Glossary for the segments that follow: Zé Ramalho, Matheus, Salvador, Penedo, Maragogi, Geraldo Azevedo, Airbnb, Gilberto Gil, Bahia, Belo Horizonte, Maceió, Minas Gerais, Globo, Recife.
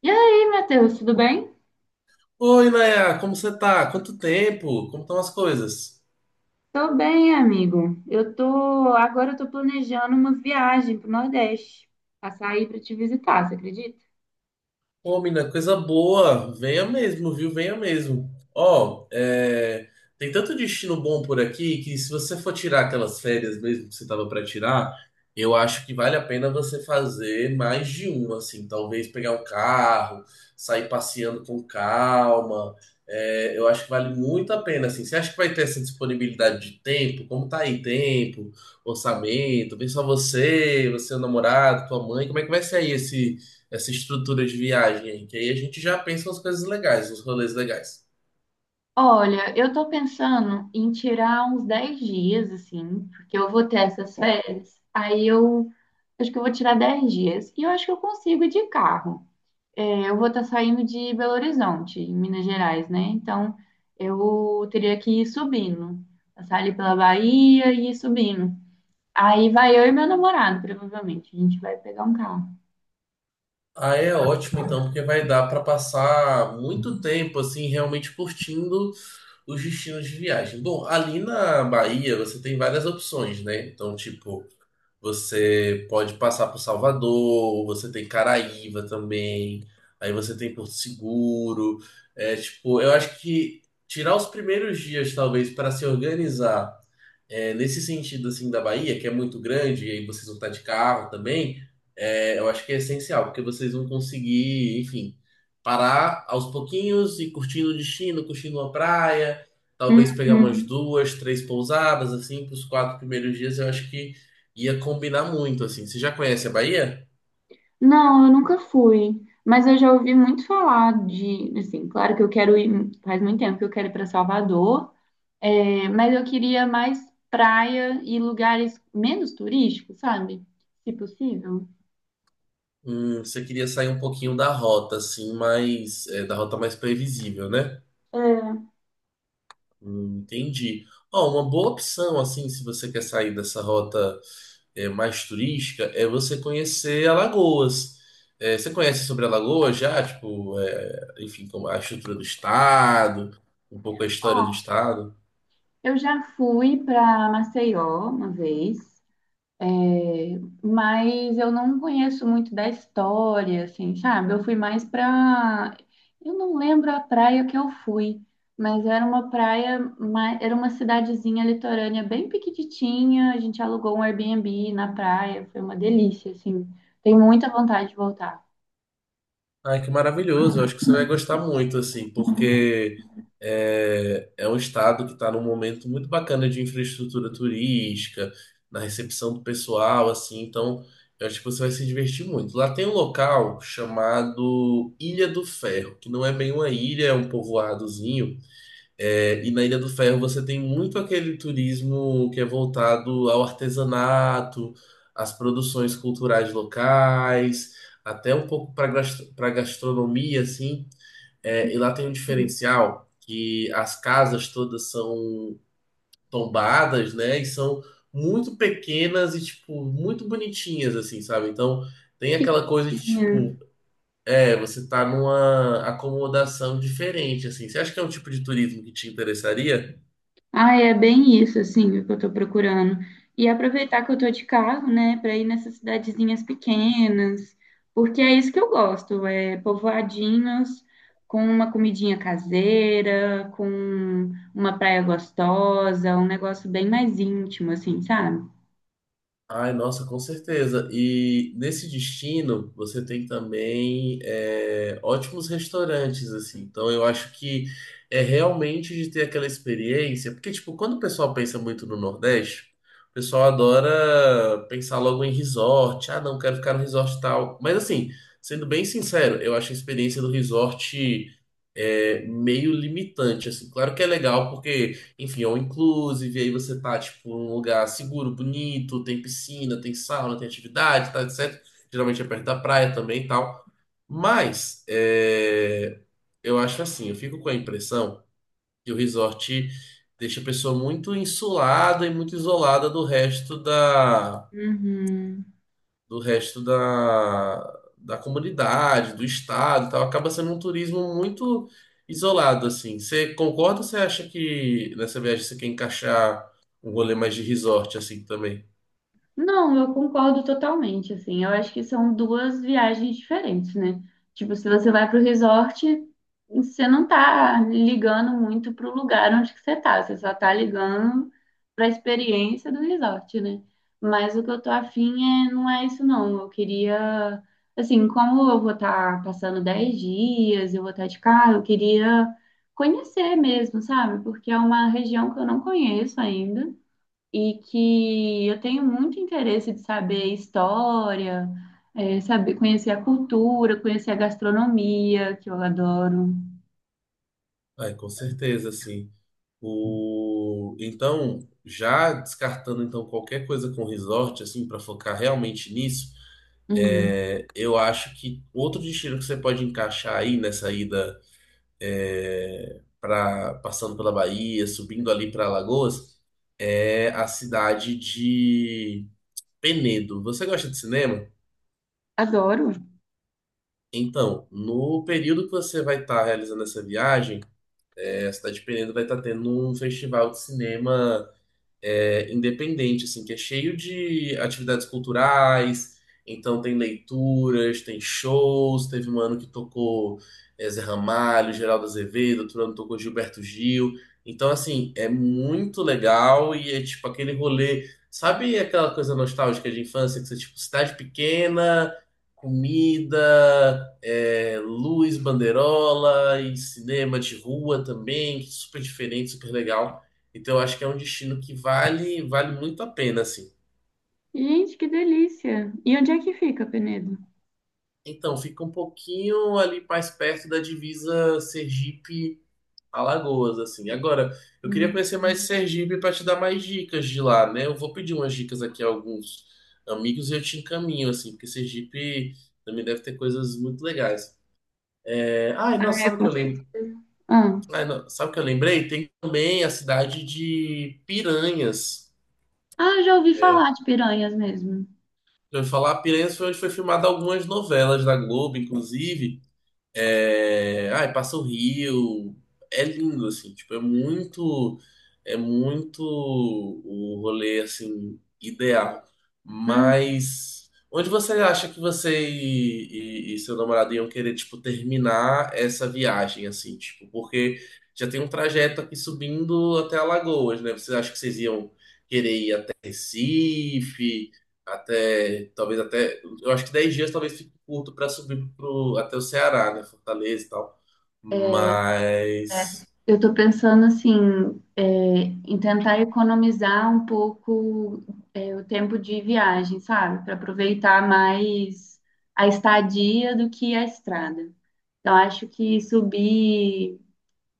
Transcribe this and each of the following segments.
E aí, Matheus, tudo bem? Oi, Nayá, como você tá? Quanto tempo? Como estão as coisas? Tô bem, amigo. Agora eu tô planejando uma viagem pro Nordeste, passar aí pra te visitar, você acredita? Ô, mina, coisa boa. Venha mesmo, viu? Venha mesmo. Ó, é, tem tanto destino bom por aqui que se você for tirar aquelas férias mesmo que você tava pra tirar, eu acho que vale a pena você fazer mais de um, assim. Talvez pegar um carro, sair passeando com calma. É, eu acho que vale muito a pena, assim. Você acha que vai ter essa disponibilidade de tempo? Como tá aí tempo, orçamento? Vem só você, você, o namorado, tua mãe. Como é que vai ser aí esse essa estrutura de viagem aí, que aí a gente já pensa nas coisas legais, nos rolês legais. Olha, eu tô pensando em tirar uns 10 dias, assim, porque eu vou ter essas férias. Aí eu acho que eu vou tirar 10 dias. E eu acho que eu consigo ir de carro. É, eu vou estar saindo de Belo Horizonte, em Minas Gerais, né? Então eu teria que ir subindo. Passar ali pela Bahia e ir subindo. Aí vai eu e meu namorado, provavelmente. A gente vai pegar um carro. Aí é ótimo então, porque vai dar para passar muito tempo assim realmente curtindo os destinos de viagem. Bom, ali na Bahia você tem várias opções, né? Então, tipo, você pode passar por Salvador, você tem Caraíva também, aí você tem Porto Seguro. É, tipo, eu acho que tirar os primeiros dias, talvez, para se organizar. É, nesse sentido, assim, da Bahia, que é muito grande, e aí vocês vão estar de carro também, é, eu acho que é essencial, porque vocês vão conseguir, enfim, parar aos pouquinhos e curtindo o destino, curtindo a praia, talvez pegar umas Uhum. duas, três pousadas, assim, para os quatro primeiros dias, eu acho que ia combinar muito, assim. Você já conhece a Bahia? Não, eu nunca fui. Mas eu já ouvi muito falar de, assim, claro que eu quero ir, faz muito tempo que eu quero ir para Salvador, é, mas eu queria mais praia e lugares menos turísticos, sabe? Se possível. Você queria sair um pouquinho da rota, assim, mais, é, da rota mais previsível, né? É, Entendi. Ó, uma boa opção, assim, se você quer sair dessa rota é, mais turística é você conhecer Alagoas. É, você conhece sobre Alagoas já? Tipo, é, enfim, como a estrutura do estado, um pouco a história do ó, estado. eu já fui para Maceió uma vez. É, mas eu não conheço muito da história, assim, sabe? Eu fui mais pra. Eu não lembro a praia que eu fui, mas era uma praia, era uma cidadezinha litorânea bem pequititinha. A gente alugou um Airbnb na praia, foi uma delícia, assim. Tenho muita vontade de voltar. Ai, que maravilhoso! Eu acho que você vai gostar muito, assim, porque é, é um estado que está num momento muito bacana de infraestrutura turística, na recepção do pessoal, assim, então eu acho que você vai se divertir muito. Lá tem um local chamado Ilha do Ferro, que não é bem uma ilha, é um povoadozinho. É, e na Ilha do Ferro você tem muito aquele turismo que é voltado ao artesanato, às produções culturais locais, até um pouco para gastronomia, assim. É, e lá tem um diferencial que as casas todas são tombadas, né? E são muito pequenas e, tipo, muito bonitinhas, assim, sabe? Então tem Que aquela coisa de, coisinha. tipo, é, você tá numa acomodação diferente, assim. Você acha que é um tipo de turismo que te interessaria? Ah, é bem isso, assim, o que eu tô procurando. E aproveitar que eu tô de carro, né, para ir nessas cidadezinhas pequenas, porque é isso que eu gosto, é povoadinhos com uma comidinha caseira, com uma praia gostosa, um negócio bem mais íntimo, assim, sabe? Ai, nossa, com certeza. E nesse destino, você tem também é, ótimos restaurantes, assim. Então, eu acho que é realmente de ter aquela experiência. Porque, tipo, quando o pessoal pensa muito no Nordeste, o pessoal adora pensar logo em resort. Ah, não, quero ficar no resort tal. Mas, assim, sendo bem sincero, eu acho a experiência do resort é, meio limitante, assim. Claro que é legal, porque. Enfim, ou inclusive, aí você tá, tipo, num lugar seguro, bonito, tem piscina, tem sauna, tem atividade, tá, etc. Geralmente é perto da praia também e tal. Mas, é, eu acho assim, eu fico com a impressão que o resort deixa a pessoa muito insulada e muito isolada do resto da Uhum. do resto da, da comunidade, do estado, e tal, acaba sendo um turismo muito isolado assim. Você concorda ou você acha que nessa viagem você quer encaixar um rolê mais de resort assim também? Não, eu concordo totalmente, assim. Eu acho que são duas viagens diferentes, né? Tipo, se você vai para o resort, você não tá ligando muito para o lugar onde que você tá, você só tá ligando para a experiência do resort, né? Mas o que eu tô afim é, não é isso não. Eu queria, assim, como eu vou estar passando 10 dias, eu vou estar de carro, eu queria conhecer mesmo, sabe? Porque é uma região que eu não conheço ainda e que eu tenho muito interesse de saber história, é, saber conhecer a cultura, conhecer a gastronomia, que eu adoro. Ai, com certeza, sim. O então, já descartando então qualquer coisa com resort assim para focar realmente nisso, Hum, é, eu acho que outro destino que você pode encaixar aí nessa ida é, pra, passando pela Bahia, subindo ali para Alagoas, é a cidade de Penedo. Você gosta de cinema? adoro. Então, no período que você vai estar realizando essa viagem, é, a cidade de Penedo vai estar tendo um festival de cinema é, independente, assim, que é cheio de atividades culturais. Então tem leituras, tem shows. Teve um ano que tocou é, Zé Ramalho, Geraldo Azevedo, outro ano tocou Gilberto Gil. Então, assim, é muito legal e é tipo aquele rolê. Sabe aquela coisa nostálgica de infância que você, tipo, cidade pequena, comida, é, luz, banderola e cinema de rua também, super diferente, super legal. Então, eu acho que é um destino que vale, vale muito a pena, assim. Gente, que delícia! E onde é que fica, Penedo? Então, fica um pouquinho ali mais perto da divisa Sergipe-Alagoas, assim. Agora, eu queria Hum. conhecer mais Sergipe para te dar mais dicas de lá, né? Eu vou pedir umas dicas aqui a alguns amigos e eu te encaminho, assim, porque Sergipe também deve ter coisas muito legais. É, ai, Ah, nossa, é, sabe o que com eu lembro? certeza. Ah. Ai, não, sabe o que eu lembrei? Tem também a cidade de Piranhas. Ah, já ouvi falar de piranhas mesmo. Eu ia falar, Piranhas foi onde foi filmada algumas novelas da Globo, inclusive. É, ai, passa o rio. É lindo, assim, tipo, é muito o rolê, assim, ideal. Hum. Mas onde você acha que você e seu namorado iam querer, tipo, terminar essa viagem, assim, tipo, porque já tem um trajeto aqui subindo até Alagoas, né? Você acha que vocês iam querer ir até Recife? Até, talvez até, eu acho que 10 dias talvez fique curto para subir pro, até o Ceará, né? Fortaleza e tal. É, Mas, eu estou pensando assim, é, em tentar economizar um pouco é, o tempo de viagem, sabe? Para aproveitar mais a estadia do que a estrada. Então, acho que subir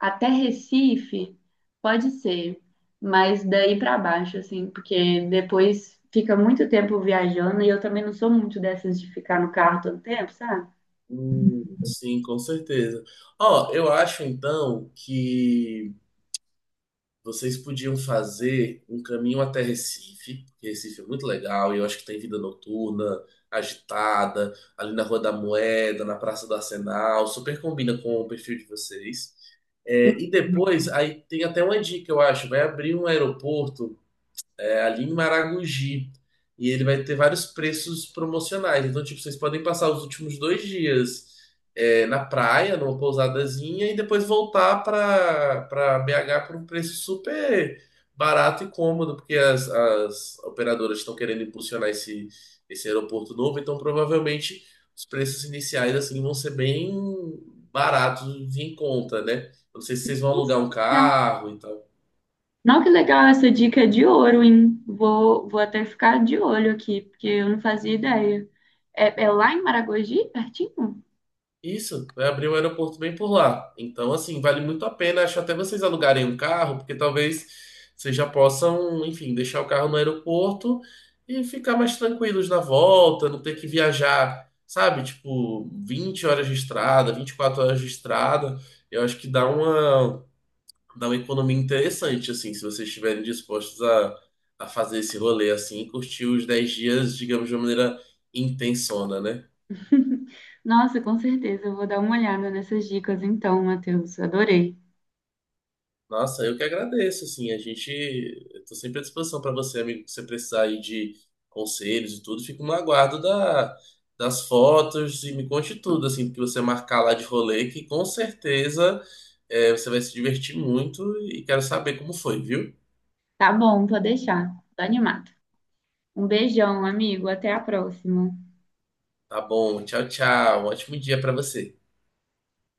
até Recife pode ser, mas daí para baixo, assim, porque depois fica muito tempo viajando e eu também não sou muito dessas de ficar no carro todo tempo, sabe? Sim, com certeza. Ó, eu acho então que vocês podiam fazer um caminho até Recife, porque Recife é muito legal e eu acho que tem vida noturna, agitada, ali na Rua da Moeda, na Praça do Arsenal, super combina com o perfil de vocês. É, e depois, aí tem até uma dica, eu acho, vai abrir um aeroporto é ali em Maragogi. E ele vai ter vários preços promocionais. Então, tipo, vocês podem passar os últimos 2 dias é, na praia, numa pousadazinha, e depois voltar para BH por um preço super barato e cômodo, porque as operadoras estão querendo impulsionar esse aeroporto novo. Então, provavelmente, os preços iniciais assim vão ser bem baratos e em conta, né? Eu não sei se vocês vão Nossa, alugar um carro e tal. não, que legal, essa dica é de ouro, hein? Vou até ficar de olho aqui, porque eu não fazia ideia. É, é lá em Maragogi, pertinho? Isso, vai abrir um aeroporto bem por lá. Então, assim, vale muito a pena. Acho até vocês alugarem um carro, porque talvez vocês já possam, enfim, deixar o carro no aeroporto e ficar mais tranquilos na volta, não ter que viajar, sabe? Tipo, 20 horas de estrada, 24 horas de estrada. Eu acho que dá uma economia interessante, assim, se vocês estiverem dispostos a fazer esse rolê, assim, e curtir os 10 dias, digamos, de uma maneira intensona, né? Nossa, com certeza, eu vou dar uma olhada nessas dicas então, Matheus. Adorei. Nossa, eu que agradeço, assim, a gente, eu tô sempre à disposição para você, amigo, se você precisar aí de conselhos e tudo, fico no aguardo da, das fotos e me conte tudo, assim, que você marcar lá de rolê, que com certeza é, você vai se divertir muito e quero saber como foi, viu? Tá bom, vou deixar. Tô animado. Um beijão, amigo. Até a próxima. Tá bom, tchau, tchau, um ótimo dia para você.